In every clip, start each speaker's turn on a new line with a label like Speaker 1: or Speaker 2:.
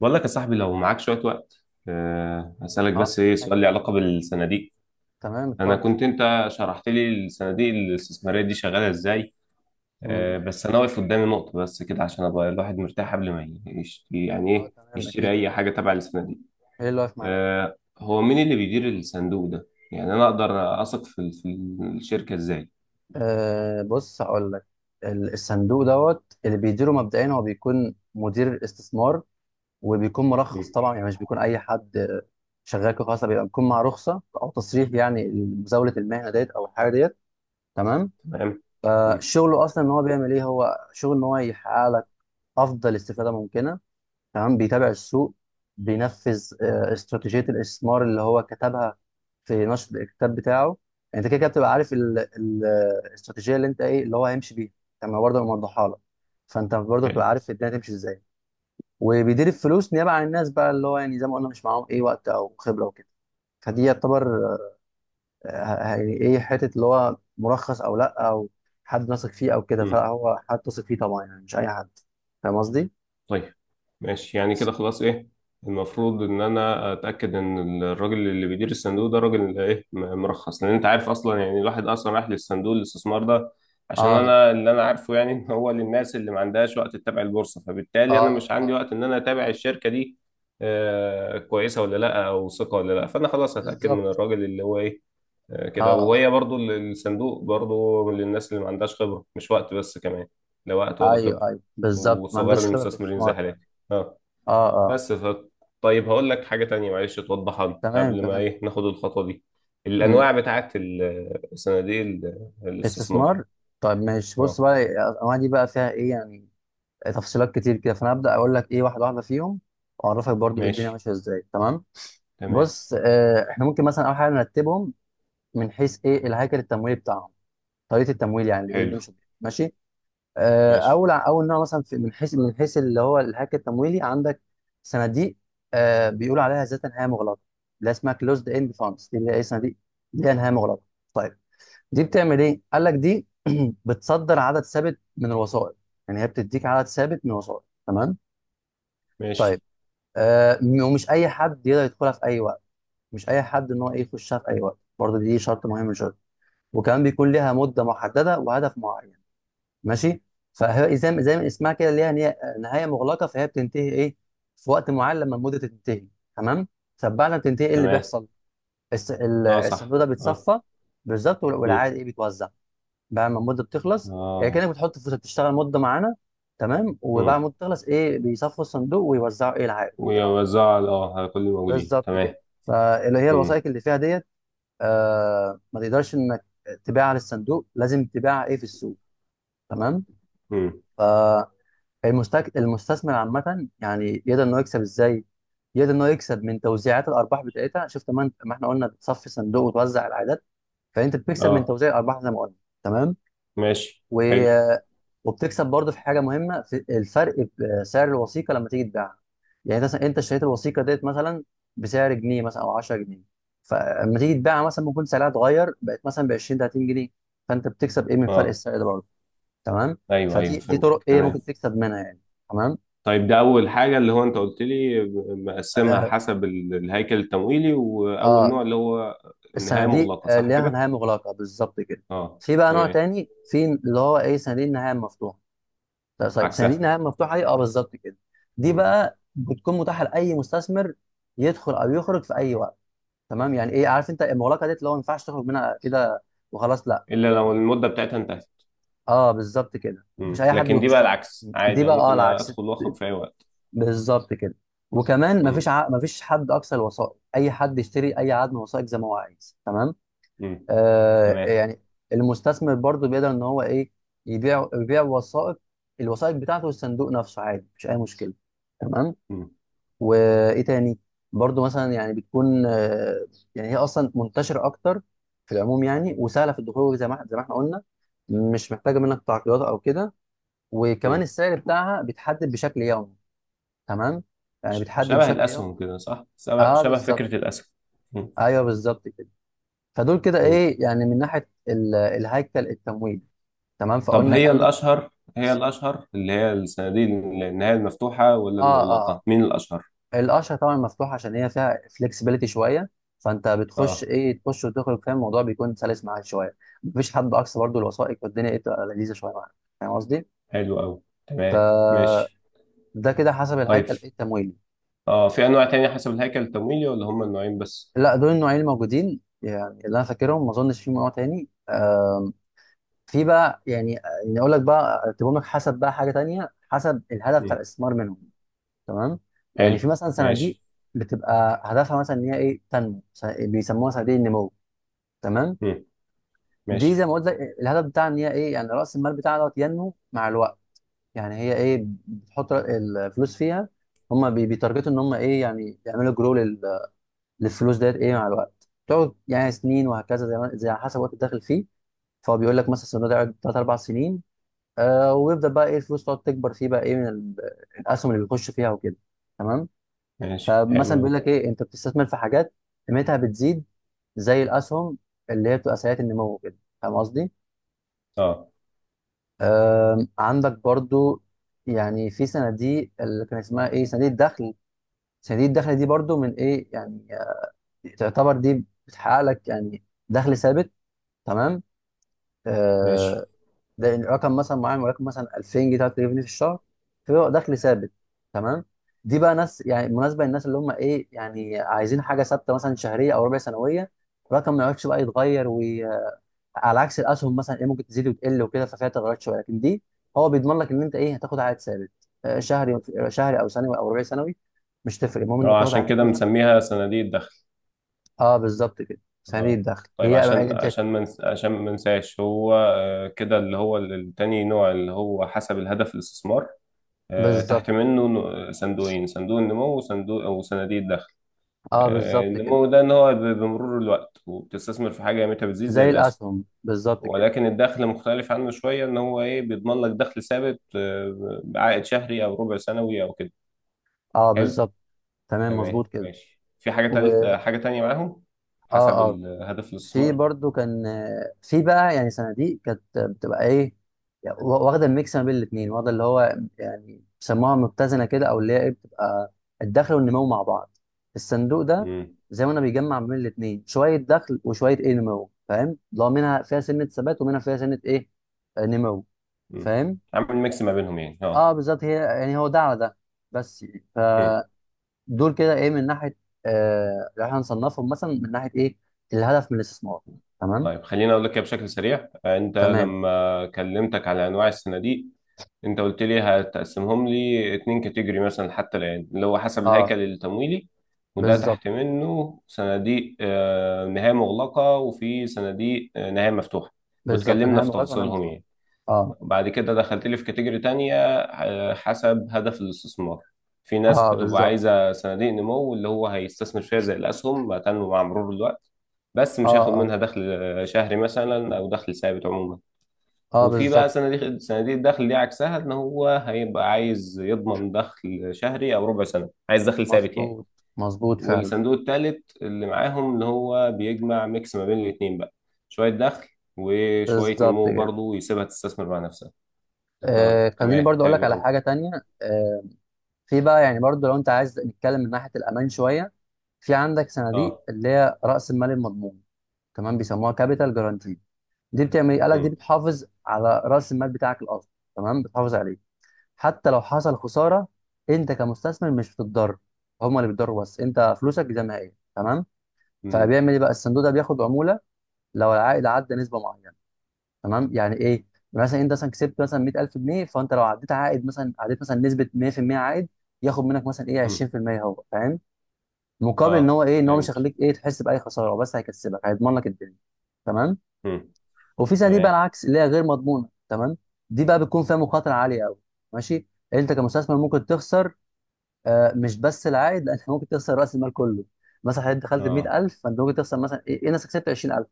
Speaker 1: بقول لك يا صاحبي لو معاك شوية وقت. هسألك بس
Speaker 2: اه
Speaker 1: إيه سؤال
Speaker 2: أيوة.
Speaker 1: لي علاقة بالصناديق.
Speaker 2: تمام
Speaker 1: أنا
Speaker 2: اتفضل.
Speaker 1: كنت أنت شرحت لي الصناديق الاستثمارية دي شغالة إزاي.
Speaker 2: مم.
Speaker 1: بس أنا واقف قدامي نقطة بس كده عشان أبقى الواحد مرتاح قبل ما يشتري، يعني
Speaker 2: اه
Speaker 1: إيه
Speaker 2: تمام،
Speaker 1: يشتري
Speaker 2: اكيد
Speaker 1: أي
Speaker 2: اكيد
Speaker 1: حاجة تبع الصناديق.
Speaker 2: ايه اللي واقف معاك؟
Speaker 1: هو مين اللي بيدير الصندوق ده؟ يعني أنا أقدر أثق في الشركة إزاي؟
Speaker 2: بص هقول لك. الصندوق دوت اللي بيديره مبدئيا هو بيكون مدير الاستثمار، وبيكون مرخص
Speaker 1: مم.
Speaker 2: طبعا، يعني مش بيكون اي حد. شغال كده خلاص، بيبقى بيكون مع رخصه او تصريح، يعني مزاوله المهنه ديت او الحاجه ديت. تمام.
Speaker 1: تمام. مم.
Speaker 2: فشغله اصلا ان هو بيعمل ايه، هو شغل ان هو يحقق لك افضل استفاده ممكنه. تمام. بيتابع السوق، بينفذ استراتيجية الاستثمار اللي هو كتبها في نشر الكتاب بتاعه. يعني انت كده كده بتبقى عارف الاستراتيجية اللي انت ايه اللي هو هيمشي بيها. تمام، برضه موضحها لك. فانت برضه بتبقى
Speaker 1: حلو.
Speaker 2: عارف الدنيا تمشي ازاي. وبيدير الفلوس نيابة عن الناس بقى، اللي هو يعني زي ما قلنا مش معاهم ايه وقت او خبرة وكده. فدي يعتبر يعني ايه حتة اللي هو مرخص او لا، او حد نثق فيه او كده،
Speaker 1: مم.
Speaker 2: فلا هو حد تثق فيه طبعا، يعني مش اي حد. فاهم قصدي؟
Speaker 1: طيب، ماشي، يعني كده خلاص، ايه المفروض ان انا اتاكد ان الراجل اللي بيدير الصندوق ده راجل ايه مرخص، لان انت عارف اصلا، يعني الواحد اصلا راح للصندوق الاستثمار ده عشان
Speaker 2: اه
Speaker 1: انا اللي انا عارفه، يعني ان هو للناس اللي ما عندهاش وقت تتابع البورصه، فبالتالي انا مش
Speaker 2: اه.
Speaker 1: عندي
Speaker 2: اه
Speaker 1: وقت ان انا اتابع
Speaker 2: صح.
Speaker 1: الشركه دي كويسه ولا لا او ثقه ولا لا، فانا خلاص هتاكد من
Speaker 2: بالظبط.
Speaker 1: الراجل اللي هو ايه كده.
Speaker 2: اه اه.
Speaker 1: وهي برضو الصندوق برضو للناس اللي ما عندهاش خبرة، مش وقت بس، كمان لا وقت ولا
Speaker 2: ايوه
Speaker 1: خبرة،
Speaker 2: ايوه بالظبط، ما
Speaker 1: وصغار
Speaker 2: عندوش خبره في
Speaker 1: المستثمرين زي
Speaker 2: الاستثمار فعلا.
Speaker 1: حالاتي. اه
Speaker 2: اه اه.
Speaker 1: بس طيب هقول لك حاجة تانية، معلش توضحها لي
Speaker 2: تمام
Speaker 1: قبل ما
Speaker 2: تمام.
Speaker 1: ايه ناخد الخطوة دي.
Speaker 2: مم.
Speaker 1: الأنواع بتاعت صناديق الاستثمار.
Speaker 2: استثمار. طيب ماشي، بص
Speaker 1: اه.
Speaker 2: بقى الانواع دي بقى فيها ايه يعني تفصيلات كتير كده. فانا هبدا اقول لك ايه واحده واحده فيهم، واعرفك برضو ايه الدنيا
Speaker 1: ماشي.
Speaker 2: ماشيه ازاي. تمام.
Speaker 1: تمام.
Speaker 2: بص احنا ممكن مثلا اول حاجه نرتبهم من حيث ايه الهيكل التمويلي بتاعهم، طريقه التمويل، يعني ايه
Speaker 1: حلو.
Speaker 2: بيمشوا بيها. ماشي.
Speaker 1: ماشي.
Speaker 2: اول نوع مثلا في من حيث اللي هو الهاك التمويلي، عندك صناديق بيقولوا عليها ذات نهايه مغلقه، اللي اسمها كلوزد اند فاندز. دي اللي هي صناديق ليها نهايه مغلقه. طيب، دي بتعمل ايه؟ قال لك دي بتصدر عدد ثابت من الوسائط، يعني هي بتديك عدد ثابت من الوسائط. تمام؟ طيب.
Speaker 1: ماشي.
Speaker 2: ومش اي حد يقدر يدخلها في اي وقت، مش اي حد ان هو ايه يخشها في اي وقت برضه، دي شرط مهم من شرط. وكمان بيكون لها مده محدده وهدف معين. ماشي. فهي زي ما اسمها كده، ليها نهايه مغلقه، فهي بتنتهي ايه في وقت معين لما المده تنتهي. تمام. طب بعد ما بتنتهي ايه اللي
Speaker 1: تمام.
Speaker 2: بيحصل؟
Speaker 1: اه صح.
Speaker 2: الصندوق ده
Speaker 1: اه.
Speaker 2: بيتصفى. بالظبط.
Speaker 1: مم.
Speaker 2: والعائد ايه بيتوزع بعد ما المده بتخلص، يعني كانك
Speaker 1: اه.
Speaker 2: بتحط فلوسك تشتغل مده معانا. تمام. وبعد
Speaker 1: مم.
Speaker 2: ما تخلص ايه بيصفوا الصندوق ويوزعوا ايه العائد بتاعه.
Speaker 1: ويوزعها على كل الموجودين،
Speaker 2: بالظبط
Speaker 1: تمام.
Speaker 2: كده. فاللي هي
Speaker 1: مم.
Speaker 2: الوثائق اللي فيها ديت ما تقدرش انك تبيعها للصندوق، لازم تبيعها ايه في السوق. تمام.
Speaker 1: مم.
Speaker 2: المستثمر عامة يعني يقدر إن هو يكسب إزاي؟ يقدر إن هو يكسب من توزيعات الأرباح بتاعتها، شفت، ما إحنا قلنا بتصفي صندوق وتوزع العائدات. فأنت بتكسب من
Speaker 1: اه
Speaker 2: توزيع الأرباح زي ما قلنا. تمام؟
Speaker 1: ماشي.
Speaker 2: و...
Speaker 1: حلو.
Speaker 2: وبتكسب برضه في حاجة مهمة، في الفرق في سعر الوثيقة لما تيجي تبيعها. يعني مثلا أنت اشتريت الوثيقة ديت مثلا بسعر جنيه، مثلا أو 10 جنيه، فلما تيجي تبيعها مثلا ممكن سعرها اتغير، بقت مثلا ب 20 30 جنيه، فأنت بتكسب إيه من فرق
Speaker 1: اه
Speaker 2: السعر ده برضه. تمام؟
Speaker 1: ايوه،
Speaker 2: فدي
Speaker 1: ايوه
Speaker 2: دي طرق
Speaker 1: فهمتك،
Speaker 2: إيه
Speaker 1: تمام.
Speaker 2: ممكن تكسب منها يعني. تمام؟
Speaker 1: طيب ده اول حاجه اللي هو انت قلت لي، مقسمها
Speaker 2: آه،
Speaker 1: حسب الهيكل التمويلي، واول
Speaker 2: اه.
Speaker 1: نوع اللي هو النهايه
Speaker 2: الصناديق
Speaker 1: مغلقه، صح
Speaker 2: ليها
Speaker 1: كده.
Speaker 2: نهايه مغلقه، بالظبط كده.
Speaker 1: اه
Speaker 2: في بقى نوع
Speaker 1: تمام.
Speaker 2: تاني، في اللي هو ايه صناديق النهايه المفتوحه. لا، طيب صناديق
Speaker 1: عكسها.
Speaker 2: النهايه المفتوحه دي اه بالظبط كده. دي
Speaker 1: مم.
Speaker 2: بقى بتكون متاحه لاي مستثمر يدخل او يخرج في اي وقت. تمام. يعني ايه، عارف انت المغلقه دي اللي هو ما ينفعش تخرج منها كده وخلاص؟ لا.
Speaker 1: الا لو المده بتاعتها انتهت.
Speaker 2: اه بالظبط كده، مش
Speaker 1: مم.
Speaker 2: اي حد
Speaker 1: لكن دي بقى
Speaker 2: بيخشها.
Speaker 1: العكس
Speaker 2: دي
Speaker 1: عادي، أنا
Speaker 2: بقى اه
Speaker 1: ممكن
Speaker 2: العكس،
Speaker 1: ادخل واخرج في اي وقت.
Speaker 2: بالظبط كده. وكمان مفيش
Speaker 1: مم.
Speaker 2: مفيش حد اقصى الوثائق، اي حد يشتري اي عدد من الوثائق زي ما هو عايز. تمام.
Speaker 1: مم. تمام.
Speaker 2: يعني المستثمر برضو بيقدر ان هو ايه يبيع، وثائق الوثائق بتاعته والصندوق نفسه عادي، مش اي مشكله. تمام.
Speaker 1: مم.
Speaker 2: وايه تاني، برضو مثلا يعني بتكون يعني هي اصلا منتشره اكتر في العموم يعني، وسهله في الدخول زي ما احنا قلنا، مش محتاجه منك تعقيدات او كده. وكمان
Speaker 1: مم.
Speaker 2: السعر بتاعها بيتحدد بشكل يومي. تمام. يعني
Speaker 1: ش-
Speaker 2: بيتحدد
Speaker 1: شبه
Speaker 2: بشكل يومي.
Speaker 1: الاسهم كده، صح، شبه
Speaker 2: اه
Speaker 1: شبه
Speaker 2: بالظبط.
Speaker 1: فكره الاسهم. مم.
Speaker 2: ايوه بالظبط كده. فدول كده
Speaker 1: مم.
Speaker 2: ايه يعني من ناحيه الهيكل التمويل. تمام،
Speaker 1: طب
Speaker 2: فقلنا
Speaker 1: هي
Speaker 2: عندك.
Speaker 1: الأشهر، اللي هي الصناديق اللي هي المفتوحة ولا
Speaker 2: اه اه.
Speaker 1: المغلقة؟ مين الأشهر؟
Speaker 2: الاشهر طبعا مفتوح، عشان هي فيها فلكسبيليتي شويه. فانت بتخش
Speaker 1: اه.
Speaker 2: ايه، تخش وتخرج، فاهم، الموضوع بيكون سلس معاك شويه. مفيش حد اقصى برضو الوثائق، والدنيا ايه تبقى لذيذه شويه معاك، فاهم قصدي.
Speaker 1: حلو أوي. تمام ماشي.
Speaker 2: فده كده حسب
Speaker 1: طيب
Speaker 2: الهيكل إيه التمويلي.
Speaker 1: اه في أنواع تانية حسب الهيكل التمويلي ولا هما النوعين بس؟
Speaker 2: لا دول النوعين الموجودين يعني، اللي انا فاكرهم، ما اظنش في نوع تاني. في بقى يعني، يعني اقول لك بقى ارتبهم لك حسب بقى حاجه تانيه، حسب الهدف بتاع
Speaker 1: مم.
Speaker 2: الاستثمار منهم. تمام. يعني في
Speaker 1: حلو
Speaker 2: مثلا صناديق
Speaker 1: ماشي.
Speaker 2: بتبقى هدفها مثلا ان هي ايه تنمو، بيسموها صناديق النمو. تمام.
Speaker 1: مم.
Speaker 2: دي
Speaker 1: ماشي.
Speaker 2: زي ما قلت لك الهدف بتاعها ان هي ايه، يعني راس المال بتاعها دوت ينمو مع الوقت. يعني هي ايه بتحط الفلوس فيها، هم بيتارجتوا ان هم ايه يعني يعملوا جرو للفلوس ديت ايه مع الوقت، تقعد يعني سنين وهكذا زي ما على حسب وقت الدخل فيه. فهو بيقول لك مثلا الصندوق ده يقعد 3 4 سنين، ويبدا بقى ايه الفلوس تقعد تكبر فيه بقى ايه من الاسهم اللي بيخش فيها وكده. تمام.
Speaker 1: ماشي. حلو
Speaker 2: فمثلا بيقول
Speaker 1: أوي.
Speaker 2: لك ايه، انت بتستثمر في حاجات قيمتها بتزيد زي الاسهم، اللي هي بتبقى سريعه النمو كده. فاهم قصدي؟
Speaker 1: اه
Speaker 2: عندك برضو، يعني في صناديق اللي كان اسمها ايه صناديق الدخل. صناديق الدخل دي برضو من ايه يعني، تعتبر دي بتحقق لك يعني دخل ثابت. تمام.
Speaker 1: ماشي.
Speaker 2: آه، ده رقم مثلا معين، ولكن مثلا 2000 جنيه 3000 جنيه في الشهر، فبيبقى دخل ثابت. تمام. دي بقى ناس يعني مناسبه للناس اللي هم ايه يعني عايزين حاجه ثابته، مثلا شهريه او ربع سنويه، رقم ما يقعدش بقى يتغير. وعلى عكس الاسهم مثلا ايه ممكن تزيد وتقل وكده، ففيها تغيرات شويه. لكن دي هو بيضمن لك ان انت ايه هتاخد عائد ثابت. آه، شهري شهري او سنوي او ربع سنوي، مش تفرق، المهم انك
Speaker 1: اه
Speaker 2: تاخد
Speaker 1: عشان
Speaker 2: عائد
Speaker 1: كده
Speaker 2: مثلا.
Speaker 1: بنسميها صناديق الدخل.
Speaker 2: اه بالظبط كده، سريع
Speaker 1: اه
Speaker 2: الدخل
Speaker 1: طيب، عشان
Speaker 2: هي
Speaker 1: عشان ما منس... عشان ما ننساش هو كده، اللي هو التاني نوع اللي هو حسب الهدف الاستثمار.
Speaker 2: بالظبط.
Speaker 1: تحت منه صندوقين: صندوق النمو، وصندوق او صناديق الدخل.
Speaker 2: اه بالظبط كده.
Speaker 1: النمو ده ان هو بمرور الوقت، وبتستثمر في حاجه قيمتها بتزيد زي
Speaker 2: زي
Speaker 1: الاسهم.
Speaker 2: الاسهم بالظبط كده.
Speaker 1: ولكن الدخل مختلف عنه شويه، ان هو ايه بيضمن لك دخل ثابت بعائد شهري او ربع سنوي او كده.
Speaker 2: اه
Speaker 1: حلو.
Speaker 2: بالظبط. تمام
Speaker 1: تمام،
Speaker 2: مظبوط كده.
Speaker 1: ماشي، في
Speaker 2: و
Speaker 1: حاجه تانية معاهم حسب
Speaker 2: اه اه.
Speaker 1: هدف
Speaker 2: في
Speaker 1: الاستثمار.
Speaker 2: برضو كان في بقى يعني صناديق كانت بتبقى ايه، يعني واخده الميكس ما بين الاثنين، واخده اللي هو يعني بيسموها متزنه كده، او اللي هي ايه بتبقى الدخل والنمو مع بعض. الصندوق ده
Speaker 1: امم.
Speaker 2: زي ما انا بيجمع ما بين الاثنين، شويه دخل وشويه ايه نمو، فاهم، اللي هو منها فيها سنه ثبات ومنها فيها سنه ايه نمو.
Speaker 1: امم.
Speaker 2: فاهم.
Speaker 1: عامل ميكس ما بينهم، يعني اه.
Speaker 2: اه بالظبط، هي يعني هو ده على ده بس يعني. ف
Speaker 1: مم.
Speaker 2: دول كده ايه من ناحيه لو احنا هنصنفهم مثلا من ناحيه ايه الهدف من الاستثمار. تمام.
Speaker 1: طيب خليني اقول لك كده بشكل سريع، انت
Speaker 2: تمام.
Speaker 1: لما كلمتك على انواع الصناديق، انت قلت لي هتقسمهم لي اتنين كاتيجوري مثلا حتى الآن، اللي هو حسب
Speaker 2: اه
Speaker 1: الهيكل التمويلي، وده
Speaker 2: بالظبط.
Speaker 1: تحت منه صناديق نهاية مغلقة، وفي صناديق نهاية مفتوحة،
Speaker 2: بالظبط
Speaker 1: واتكلمنا
Speaker 2: نهايه
Speaker 1: في
Speaker 2: مغلقه ونهايه
Speaker 1: تفاصيلهم
Speaker 2: مفتوحه.
Speaker 1: يعني.
Speaker 2: اه.
Speaker 1: وبعد كده دخلت لي في كاتيجوري تانية، حسب هدف الاستثمار. في ناس
Speaker 2: اه
Speaker 1: بتبقى
Speaker 2: بالظبط.
Speaker 1: عايزة صناديق نمو، اللي هو هيستثمر فيها زي الأسهم، هتنمو مع مرور الوقت، بس
Speaker 2: اه.
Speaker 1: مش هياخد
Speaker 2: اه.
Speaker 1: منها دخل شهري مثلا أو دخل ثابت عموما.
Speaker 2: اه
Speaker 1: وفي بقى
Speaker 2: بالظبط.
Speaker 1: صناديق الدخل، دي عكسها ان هو هيبقى عايز يضمن دخل شهري او ربع سنه، عايز دخل ثابت يعني.
Speaker 2: مظبوط، مظبوط فعلا.
Speaker 1: والصندوق الثالث اللي معاهم اللي هو بيجمع ميكس ما بين الاثنين بقى، شويه دخل وشويه
Speaker 2: بالظبط
Speaker 1: نمو
Speaker 2: كده.
Speaker 1: برضه، ويسيبها تستثمر مع نفسها. طيب،
Speaker 2: خليني
Speaker 1: تمام،
Speaker 2: برضو اقول لك
Speaker 1: حلو
Speaker 2: على
Speaker 1: قوي.
Speaker 2: حاجه تانية. آه في بقى يعني برضو لو انت عايز نتكلم من ناحيه الامان شويه، في عندك صناديق
Speaker 1: اه.
Speaker 2: اللي هي راس المال المضمون. تمام، بيسموها كابيتال جارانتي. دي بتعمل ايه؟ قال لك دي
Speaker 1: امم.
Speaker 2: بتحافظ على راس المال بتاعك الاصلي. تمام، بتحافظ عليه حتى لو حصل خساره، انت كمستثمر مش بتتضرر، هما اللي بيتضروا، بس انت فلوسك دي زي تمام.
Speaker 1: امم.
Speaker 2: فبيعمل ايه بقى الصندوق ده، بياخد عموله لو العائد عدى نسبه معينه. تمام. يعني ايه، مثلا انت مثلا كسبت مثلا 100000 جنيه، فانت لو عديت عائد مثلا، عديت مثلا نسبه 100% عائد، ياخد منك مثلا ايه
Speaker 1: امم.
Speaker 2: 20%، هو فاهم، مقابل ان
Speaker 1: اه
Speaker 2: هو ايه ان هو مش
Speaker 1: فهمت.
Speaker 2: هيخليك ايه تحس باي خساره، هو بس هيكسبك هيضمن لك الدنيا. تمام.
Speaker 1: امم.
Speaker 2: وفي صناديق بقى
Speaker 1: تمام.
Speaker 2: العكس اللي هي غير مضمونه. تمام. دي بقى بتكون فيها مخاطره عاليه قوي. ماشي. انت كمستثمر ممكن تخسر مش بس العائد، لان ممكن تخسر راس المال كله. مثلا حضرتك دخلت ب
Speaker 1: اه.
Speaker 2: 100000، فانت ممكن تخسر مثلا ايه، إيه نفسك كسبت 20000،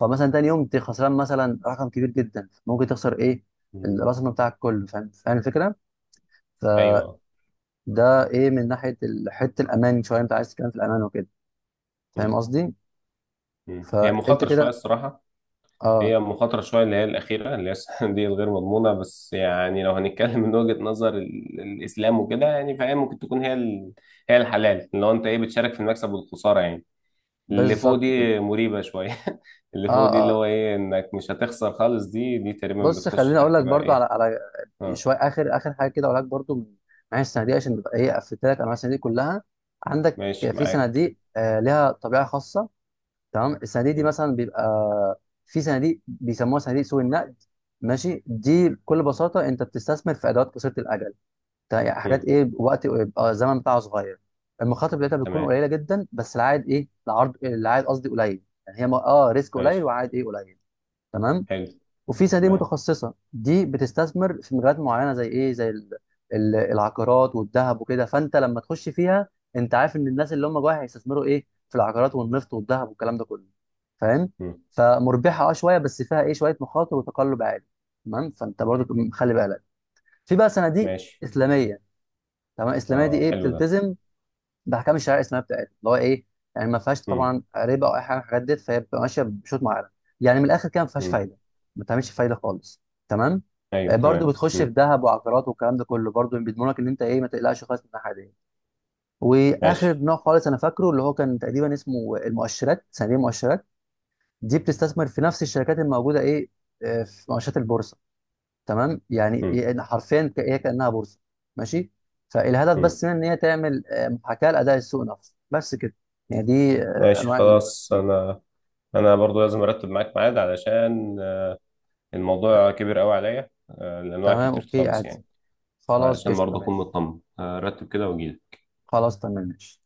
Speaker 2: فمثلا تاني يوم انت خسران مثلا رقم كبير جدا، ممكن تخسر ايه
Speaker 1: امم.
Speaker 2: راس المال بتاعك كله، فاهم، الفكره. فده
Speaker 1: ايوه.
Speaker 2: ايه من ناحيه حته الامان شويه انت عايز تتكلم في الامان وكده، فاهم
Speaker 1: امم.
Speaker 2: قصدي.
Speaker 1: امم. هي
Speaker 2: فانت
Speaker 1: مخاطره شويه
Speaker 2: كده.
Speaker 1: الصراحه.
Speaker 2: اه
Speaker 1: هي مخاطرة شوية اللي هي الأخيرة اللي هي السنة دي الغير مضمونة، بس يعني لو هنتكلم من وجهة نظر الإسلام وكده، يعني فهي ممكن تكون هي هي الحلال، اللي هو أنت إيه بتشارك في المكسب والخسارة يعني. اللي فوق
Speaker 2: بالظبط كده.
Speaker 1: دي مريبة شوية اللي
Speaker 2: اه
Speaker 1: فوق دي اللي
Speaker 2: آه،
Speaker 1: هو إيه إنك مش هتخسر خالص، دي تقريبا
Speaker 2: بص
Speaker 1: بتخش
Speaker 2: خليني اقول
Speaker 1: تحت
Speaker 2: لك
Speaker 1: بقى
Speaker 2: برضو على
Speaker 1: إيه. أه
Speaker 2: شويه اخر حاجه كده، اقول لك برضو من معايا الصناديق، عشان تبقى ايه قفلت لك انواع الصناديق كلها. عندك
Speaker 1: ماشي
Speaker 2: في
Speaker 1: معاك.
Speaker 2: صناديق لها طبيعه خاصه. تمام، الصناديق دي
Speaker 1: مم.
Speaker 2: مثلا بيبقى في صناديق بيسموها صناديق سوق النقد. ماشي، دي بكل بساطه انت بتستثمر في ادوات قصيره الاجل، يعني حاجات
Speaker 1: مم.
Speaker 2: ايه وقت بيبقى الزمن بتاعها صغير. المخاطر بتاعتها بتكون
Speaker 1: تمام.
Speaker 2: قليله جدا، بس العائد ايه، العائد قصدي قليل، يعني هي ريسك قليل
Speaker 1: ماشي.
Speaker 2: وعائد ايه قليل. تمام.
Speaker 1: حلو.
Speaker 2: وفي صناديق
Speaker 1: تمام.
Speaker 2: متخصصه، دي بتستثمر في مجالات معينه، زي ايه، زي العقارات والذهب وكده. فانت لما تخش فيها، انت عارف ان الناس اللي هم جواها هيستثمروا ايه في العقارات والنفط والذهب والكلام ده كله، فاهم.
Speaker 1: مم.
Speaker 2: فمربحه اه شويه، بس فيها ايه شويه مخاطر وتقلب عالي. تمام، فانت برضو خلي بالك. في بقى صناديق
Speaker 1: ماشي.
Speaker 2: اسلاميه. تمام، الاسلاميه دي
Speaker 1: أه
Speaker 2: ايه
Speaker 1: حلو ده.
Speaker 2: بتلتزم ده احكام الشرع، اسمها بتاعت اللي هو ايه، يعني ما فيهاش
Speaker 1: مم.
Speaker 2: طبعا ربا او اي حاجه من الحاجات ديت، فهي بتبقى ماشيه بشوط معين. يعني من الاخر كده ما فيهاش
Speaker 1: مم.
Speaker 2: فايده، ما بتعملش فايده خالص. تمام.
Speaker 1: أيوه
Speaker 2: برضو
Speaker 1: تمام.
Speaker 2: بتخش في
Speaker 1: مم.
Speaker 2: ذهب وعقارات والكلام ده كله، برضو بيضمنوا لك ان انت ايه ما تقلقش خالص من الناحيه دي. واخر
Speaker 1: ماشي.
Speaker 2: نوع خالص انا فاكره اللي هو كان تقريبا اسمه المؤشرات، صناديق المؤشرات. دي بتستثمر في نفس الشركات الموجوده ايه في مؤشرات البورصه. تمام، يعني
Speaker 1: مم.
Speaker 2: حرفيا هي كانها بورصه. ماشي. فالهدف
Speaker 1: مم.
Speaker 2: بس من ان هي تعمل محاكاه لاداء السوق نفسه بس كده. يعني دي
Speaker 1: ماشي خلاص،
Speaker 2: دي.
Speaker 1: أنا برضو لازم ارتب معاك ميعاد علشان الموضوع كبير قوي عليا، الانواع
Speaker 2: تمام
Speaker 1: كتير
Speaker 2: اوكي
Speaker 1: خالص
Speaker 2: عادي.
Speaker 1: يعني.
Speaker 2: خلاص
Speaker 1: فعشان
Speaker 2: قشطه
Speaker 1: برضو اكون
Speaker 2: ماشي.
Speaker 1: مطمن، ارتب كده واجيلك.
Speaker 2: خلاص تمام ماشي.